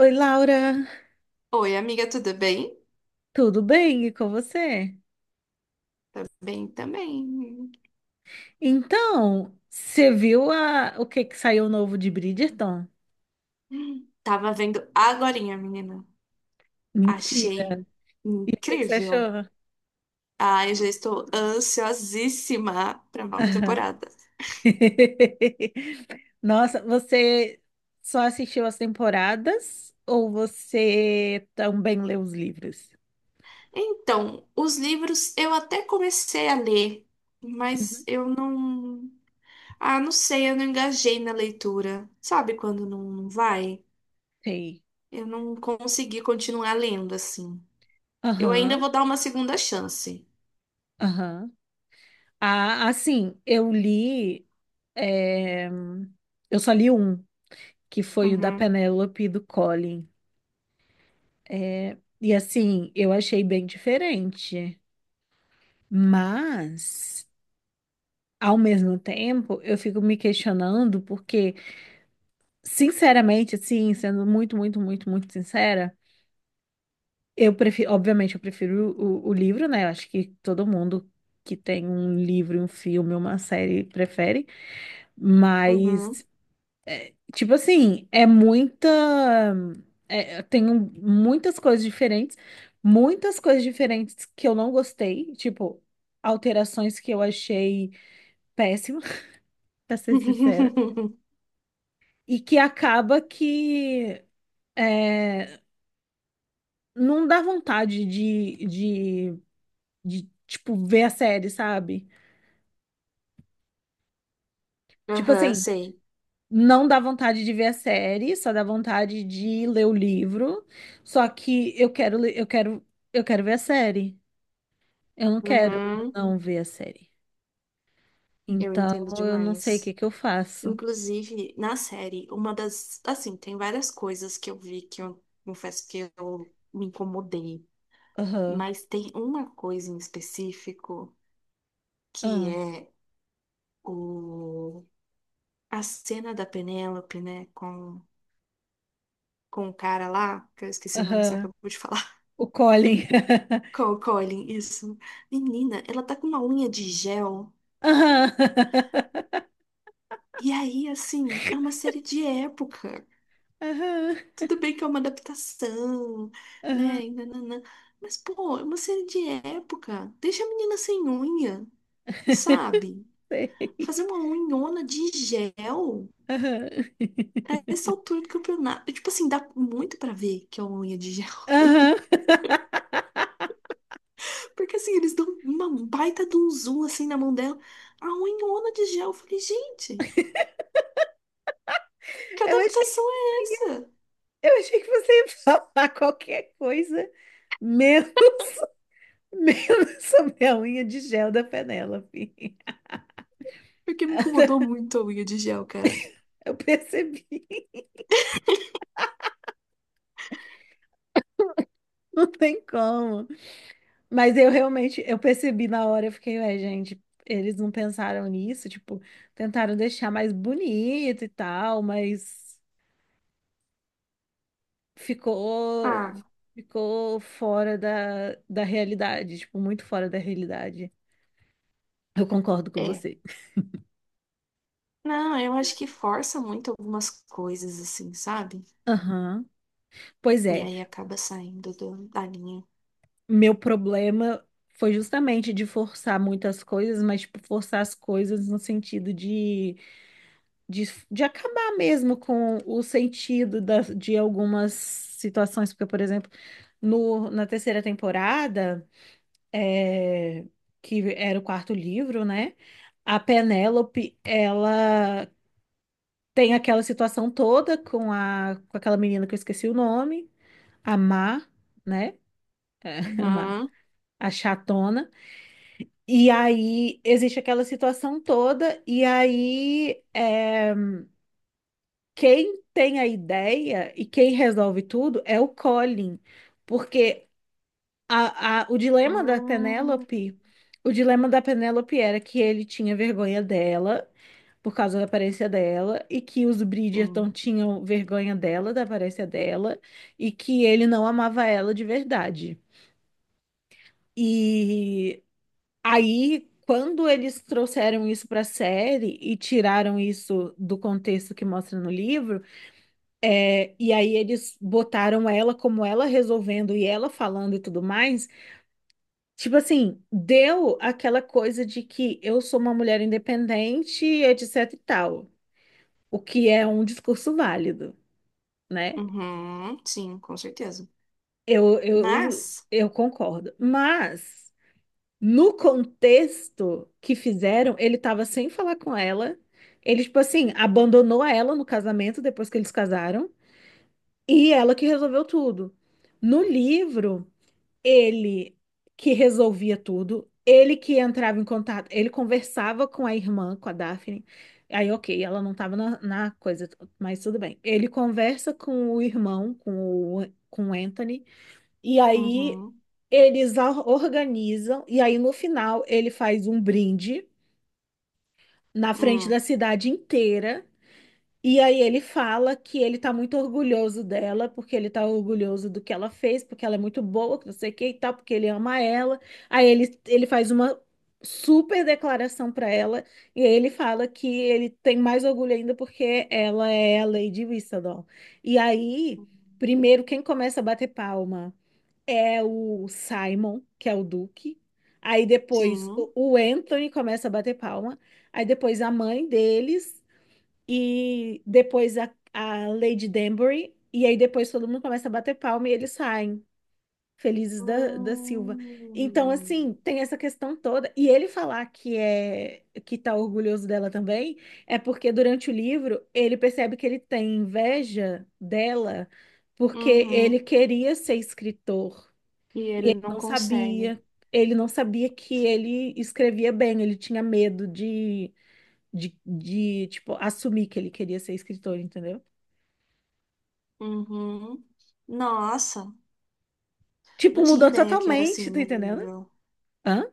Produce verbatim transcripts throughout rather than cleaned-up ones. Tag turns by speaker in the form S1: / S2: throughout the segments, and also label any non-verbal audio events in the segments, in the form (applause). S1: Oi, Laura,
S2: Oi, amiga, tudo bem?
S1: tudo bem? E com você?
S2: Tá bem também.
S1: Então, você viu a- o que que saiu novo de Bridgerton?
S2: Tava vendo agorinha, menina. Achei
S1: Mentira. E o que que você
S2: incrível.
S1: achou?
S2: Ah, eu já estou ansiosíssima para nova
S1: Aham.
S2: temporada.
S1: (laughs) Nossa, você só assistiu as temporadas ou você também leu os livros?
S2: Então, os livros eu até comecei a ler, mas
S1: Uhum.
S2: eu não. Ah, não sei, eu não engajei na leitura. Sabe quando não, não vai?
S1: Sei.
S2: Eu não consegui continuar lendo assim. Eu ainda
S1: Aham,
S2: vou dar uma segunda chance.
S1: aham. Ah, assim, eu li. é, Eu só li um, que foi o da
S2: Uhum,
S1: Penélope e do Colin. É, e assim, eu achei bem diferente, mas ao mesmo tempo eu fico me questionando porque, sinceramente, assim, sendo muito, muito, muito, muito sincera, eu prefiro, obviamente, eu prefiro o, o livro, né? Eu acho que todo mundo que tem um livro, um filme, uma série prefere,
S2: uhum.
S1: mas tipo assim, é muita. É, eu tenho muitas coisas diferentes, muitas coisas diferentes que eu não gostei, tipo, alterações que eu achei péssima, (laughs) pra ser sincera,
S2: (laughs)
S1: e que acaba que é, não dá vontade de, de, de, tipo, ver a série, sabe? Tipo
S2: Aham,
S1: assim,
S2: sei.
S1: não dá vontade de ver a série, só dá vontade de ler o livro, só que eu quero, le- eu quero, eu quero ver a série. Eu não quero
S2: Uhum,
S1: não ver a série.
S2: eu
S1: Então,
S2: entendo
S1: eu não sei o
S2: demais.
S1: que que eu faço.
S2: Inclusive, na série, uma das. Assim, tem várias coisas que eu vi que eu confesso que eu me incomodei.
S1: Aham.
S2: Mas tem uma coisa em específico que
S1: Aham.
S2: é o, a cena da Penélope, né? Com, com o cara lá, que eu esqueci o nome, você
S1: Aham.
S2: acabou de falar.
S1: O Colin.
S2: (laughs)
S1: (laughs)
S2: Com o Colin, isso. Menina, ela tá com uma unha de gel.
S1: Aham.
S2: E aí, assim, é uma série de época.
S1: Aham.
S2: Tudo bem que é uma adaptação,
S1: Aham.
S2: né? e nananã. Mas, pô, é uma série de época. Deixa a menina sem unha,
S1: (laughs)
S2: sabe?
S1: Sei.
S2: Fazer uma unhona de gel
S1: Aham.
S2: a essa altura do campeonato. Tipo assim, dá muito pra ver que é uma unha de gel.
S1: Aham. (laughs)
S2: (laughs) Porque assim, eles dão uma baita de um zoom assim na mão dela. A unhona de gel. Eu falei, gente, que
S1: Eu achei,
S2: adaptação é essa?
S1: eu achei que você ia falar qualquer coisa menos, (laughs) menos sobre a unha de gel da Penélope.
S2: Porque me incomodou muito a unha de gel, cara.
S1: Eu percebi. (laughs) Não tem como. Mas eu realmente, eu percebi na hora, eu fiquei, ué, gente, eles não pensaram nisso, tipo, tentaram deixar mais bonito e tal, mas ficou,
S2: Ah,
S1: ficou fora da, da realidade, tipo, muito fora da realidade. Eu concordo com
S2: é.
S1: você.
S2: Não, eu acho que força muito algumas coisas, assim, sabe?
S1: Aham. Pois
S2: E
S1: é,
S2: aí acaba saindo do- da linha.
S1: meu problema foi justamente de forçar muitas coisas, mas, tipo, forçar as coisas no sentido de de, de acabar mesmo com o sentido da- de algumas situações, porque, por exemplo, no, na terceira temporada, é, que era o quarto livro, né? A Penélope, ela tem aquela situação toda com a, com aquela menina que eu esqueci o nome, a Má, né? (laughs) A Má,
S2: Uhum.
S1: a chatona. E aí existe aquela situação toda, e aí é, quem tem a ideia e quem resolve tudo é o Colin, porque a, a- o dilema da
S2: Hum,
S1: Penélope, o dilema da Penélope era que ele tinha vergonha dela por causa da aparência dela e que os
S2: sim.
S1: Bridgerton tinham vergonha dela, da aparência dela e que ele não amava ela de verdade. E aí, quando eles trouxeram isso para a série e tiraram isso do contexto que mostra no livro. É, e aí eles botaram ela como ela resolvendo e ela falando e tudo mais. Tipo assim, deu aquela coisa de que eu sou uma mulher independente, etc e tal. O que é um discurso válido, né?
S2: Uhum, sim, com certeza.
S1: Eu, eu,
S2: Mas.
S1: eu concordo. Mas, no contexto que fizeram, ele tava sem falar com ela. Ele, tipo assim, abandonou ela no casamento depois que eles casaram. E ela que resolveu tudo. No livro, ele que resolvia tudo, ele que entrava em contato, ele conversava com a irmã, com a Daphne. Aí, ok, ela não estava na, na coisa, mas tudo bem. Ele conversa com o irmão, com o, com o Anthony, e aí
S2: Uhum.
S1: eles a- organizam, e aí no final ele faz um brinde na frente da
S2: Hum.
S1: cidade inteira. E aí ele fala que ele tá muito orgulhoso dela, porque ele tá orgulhoso do que ela fez, porque ela é muito boa, que não sei o que e tal, porque ele ama ela. Aí ele, ele faz uma super declaração pra ela, e aí ele fala que ele tem mais orgulho ainda porque ela é a Lady Whistledown. E aí, primeiro, quem começa a bater palma é o Simon, que é o Duque. Aí depois o
S2: Sim.
S1: o Anthony começa a bater palma. Aí depois a mãe deles e depois a, a Lady Danbury, e aí depois todo mundo começa a bater palma e eles saem, felizes da, da Silva. Então,
S2: Hum.
S1: assim, tem essa questão toda. E ele falar que é que tá orgulhoso dela também, é porque durante o livro ele percebe que ele tem inveja dela, porque ele
S2: Uhum.
S1: queria ser escritor,
S2: E ele
S1: ele
S2: não
S1: não
S2: consegue.
S1: sabia. Ele não sabia que ele escrevia bem, ele tinha medo de de, de, tipo, assumir que ele queria ser escritor, entendeu?
S2: Uhum. Nossa,
S1: Tipo,
S2: não tinha
S1: mudou
S2: ideia que era
S1: totalmente,
S2: assim
S1: tá
S2: no
S1: entendendo?
S2: livro.
S1: Hã?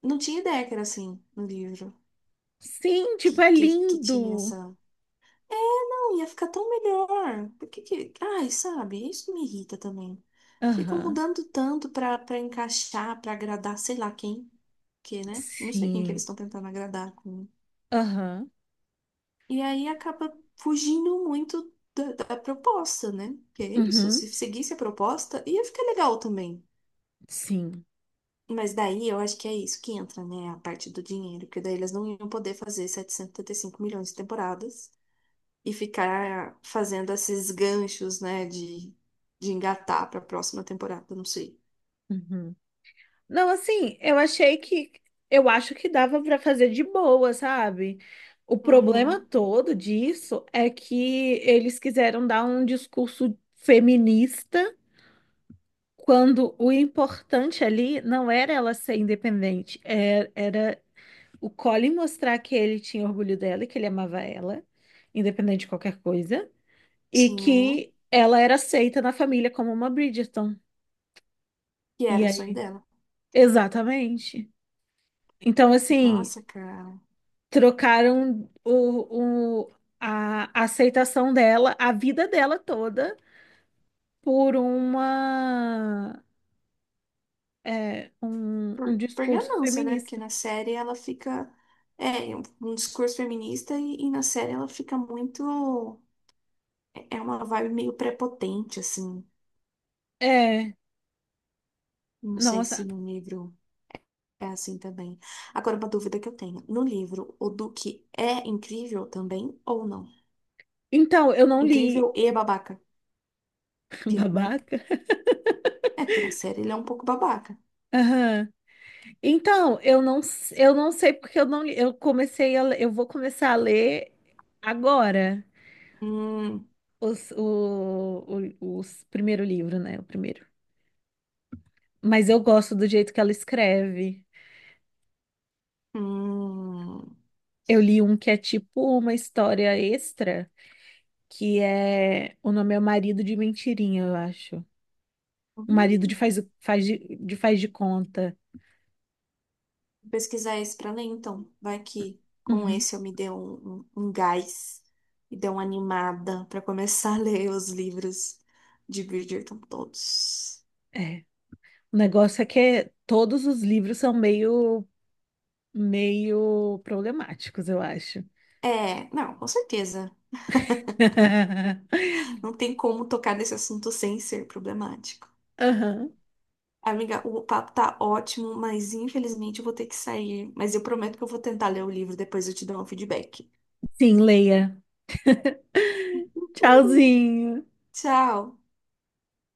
S2: Não tinha ideia que era assim no livro.
S1: Sim, tipo,
S2: Que,
S1: é
S2: que, que tinha
S1: lindo.
S2: essa. Não, ia ficar tão melhor. Por que que... Ai, sabe? Isso me irrita também. Ficam
S1: Aham.
S2: mudando tanto pra, pra encaixar, pra agradar, sei lá quem, que, né? Não sei quem que eles
S1: Sim.
S2: estão tentando agradar com.
S1: Aham.
S2: E aí acaba fugindo muito da, da proposta, né? Que é isso.
S1: Uhum.
S2: Se seguisse a proposta, ia ficar legal também.
S1: Sim.
S2: Mas daí eu acho que é isso que entra, né? A parte do dinheiro, porque daí eles não iam poder fazer setecentos e setenta e cinco milhões de temporadas. E ficar fazendo esses ganchos, né, de, de engatar para a próxima temporada, não sei.
S1: Uhum. Não, assim, eu achei que. Eu acho que dava pra fazer de boa, sabe? O problema
S2: Uhum,
S1: todo disso é que eles quiseram dar um discurso feminista quando o importante ali não era ela ser independente, é- era, o Colin mostrar que ele tinha orgulho dela e que ele amava ela, independente de qualquer coisa, e
S2: sim.
S1: que ela era aceita na família como uma Bridgerton.
S2: Que
S1: E
S2: era o sonho
S1: aí?
S2: dela.
S1: Exatamente. Então, assim,
S2: Nossa, cara.
S1: trocaram o, o- a a aceitação dela, a vida dela toda, por uma, é, um, um
S2: Por, por
S1: discurso
S2: ganância, né? Porque
S1: feminista.
S2: na série ela fica. É, um um discurso feminista e, e na série ela fica muito. É é uma vibe meio prepotente, assim.
S1: É,
S2: Não sei
S1: nossa.
S2: se no livro é assim também. Agora, uma dúvida que eu tenho. No livro, o Duque é incrível também ou não?
S1: Então, eu não li.
S2: Incrível e é babaca.
S1: (laughs)
S2: Porque, né?
S1: Babaca.
S2: É, porque na série ele é um pouco babaca.
S1: Aham. Então, eu não, s- eu não sei porque eu não, li- eu comecei a, le- eu vou começar a ler agora
S2: Hum,
S1: os, o, o, os primeiro livro, né? O primeiro. Mas eu gosto do jeito que ela escreve.
S2: hum.
S1: Eu li um que é tipo uma história extra, que é o nome é O Marido de Mentirinha, eu acho. O marido de
S2: hum.
S1: faz, faz de, de faz de conta.
S2: Vou pesquisar esse pra ler, então. Vai que com
S1: Uhum,
S2: esse eu me dê um, um, um gás e dê uma animada pra começar a (laughs) ler os livros de Bridgerton todos.
S1: é. O negócio é que todos os livros são meio, meio problemáticos, eu acho.
S2: É, não, com certeza.
S1: (laughs)
S2: Não tem como tocar nesse assunto sem ser problemático.
S1: Aham.
S2: Amiga, o papo tá ótimo, mas infelizmente eu vou ter que sair. Mas eu prometo que eu vou tentar ler o livro, depois eu te dou um feedback.
S1: Sim, Leia.
S2: (laughs)
S1: Tchauzinho.
S2: Tchau!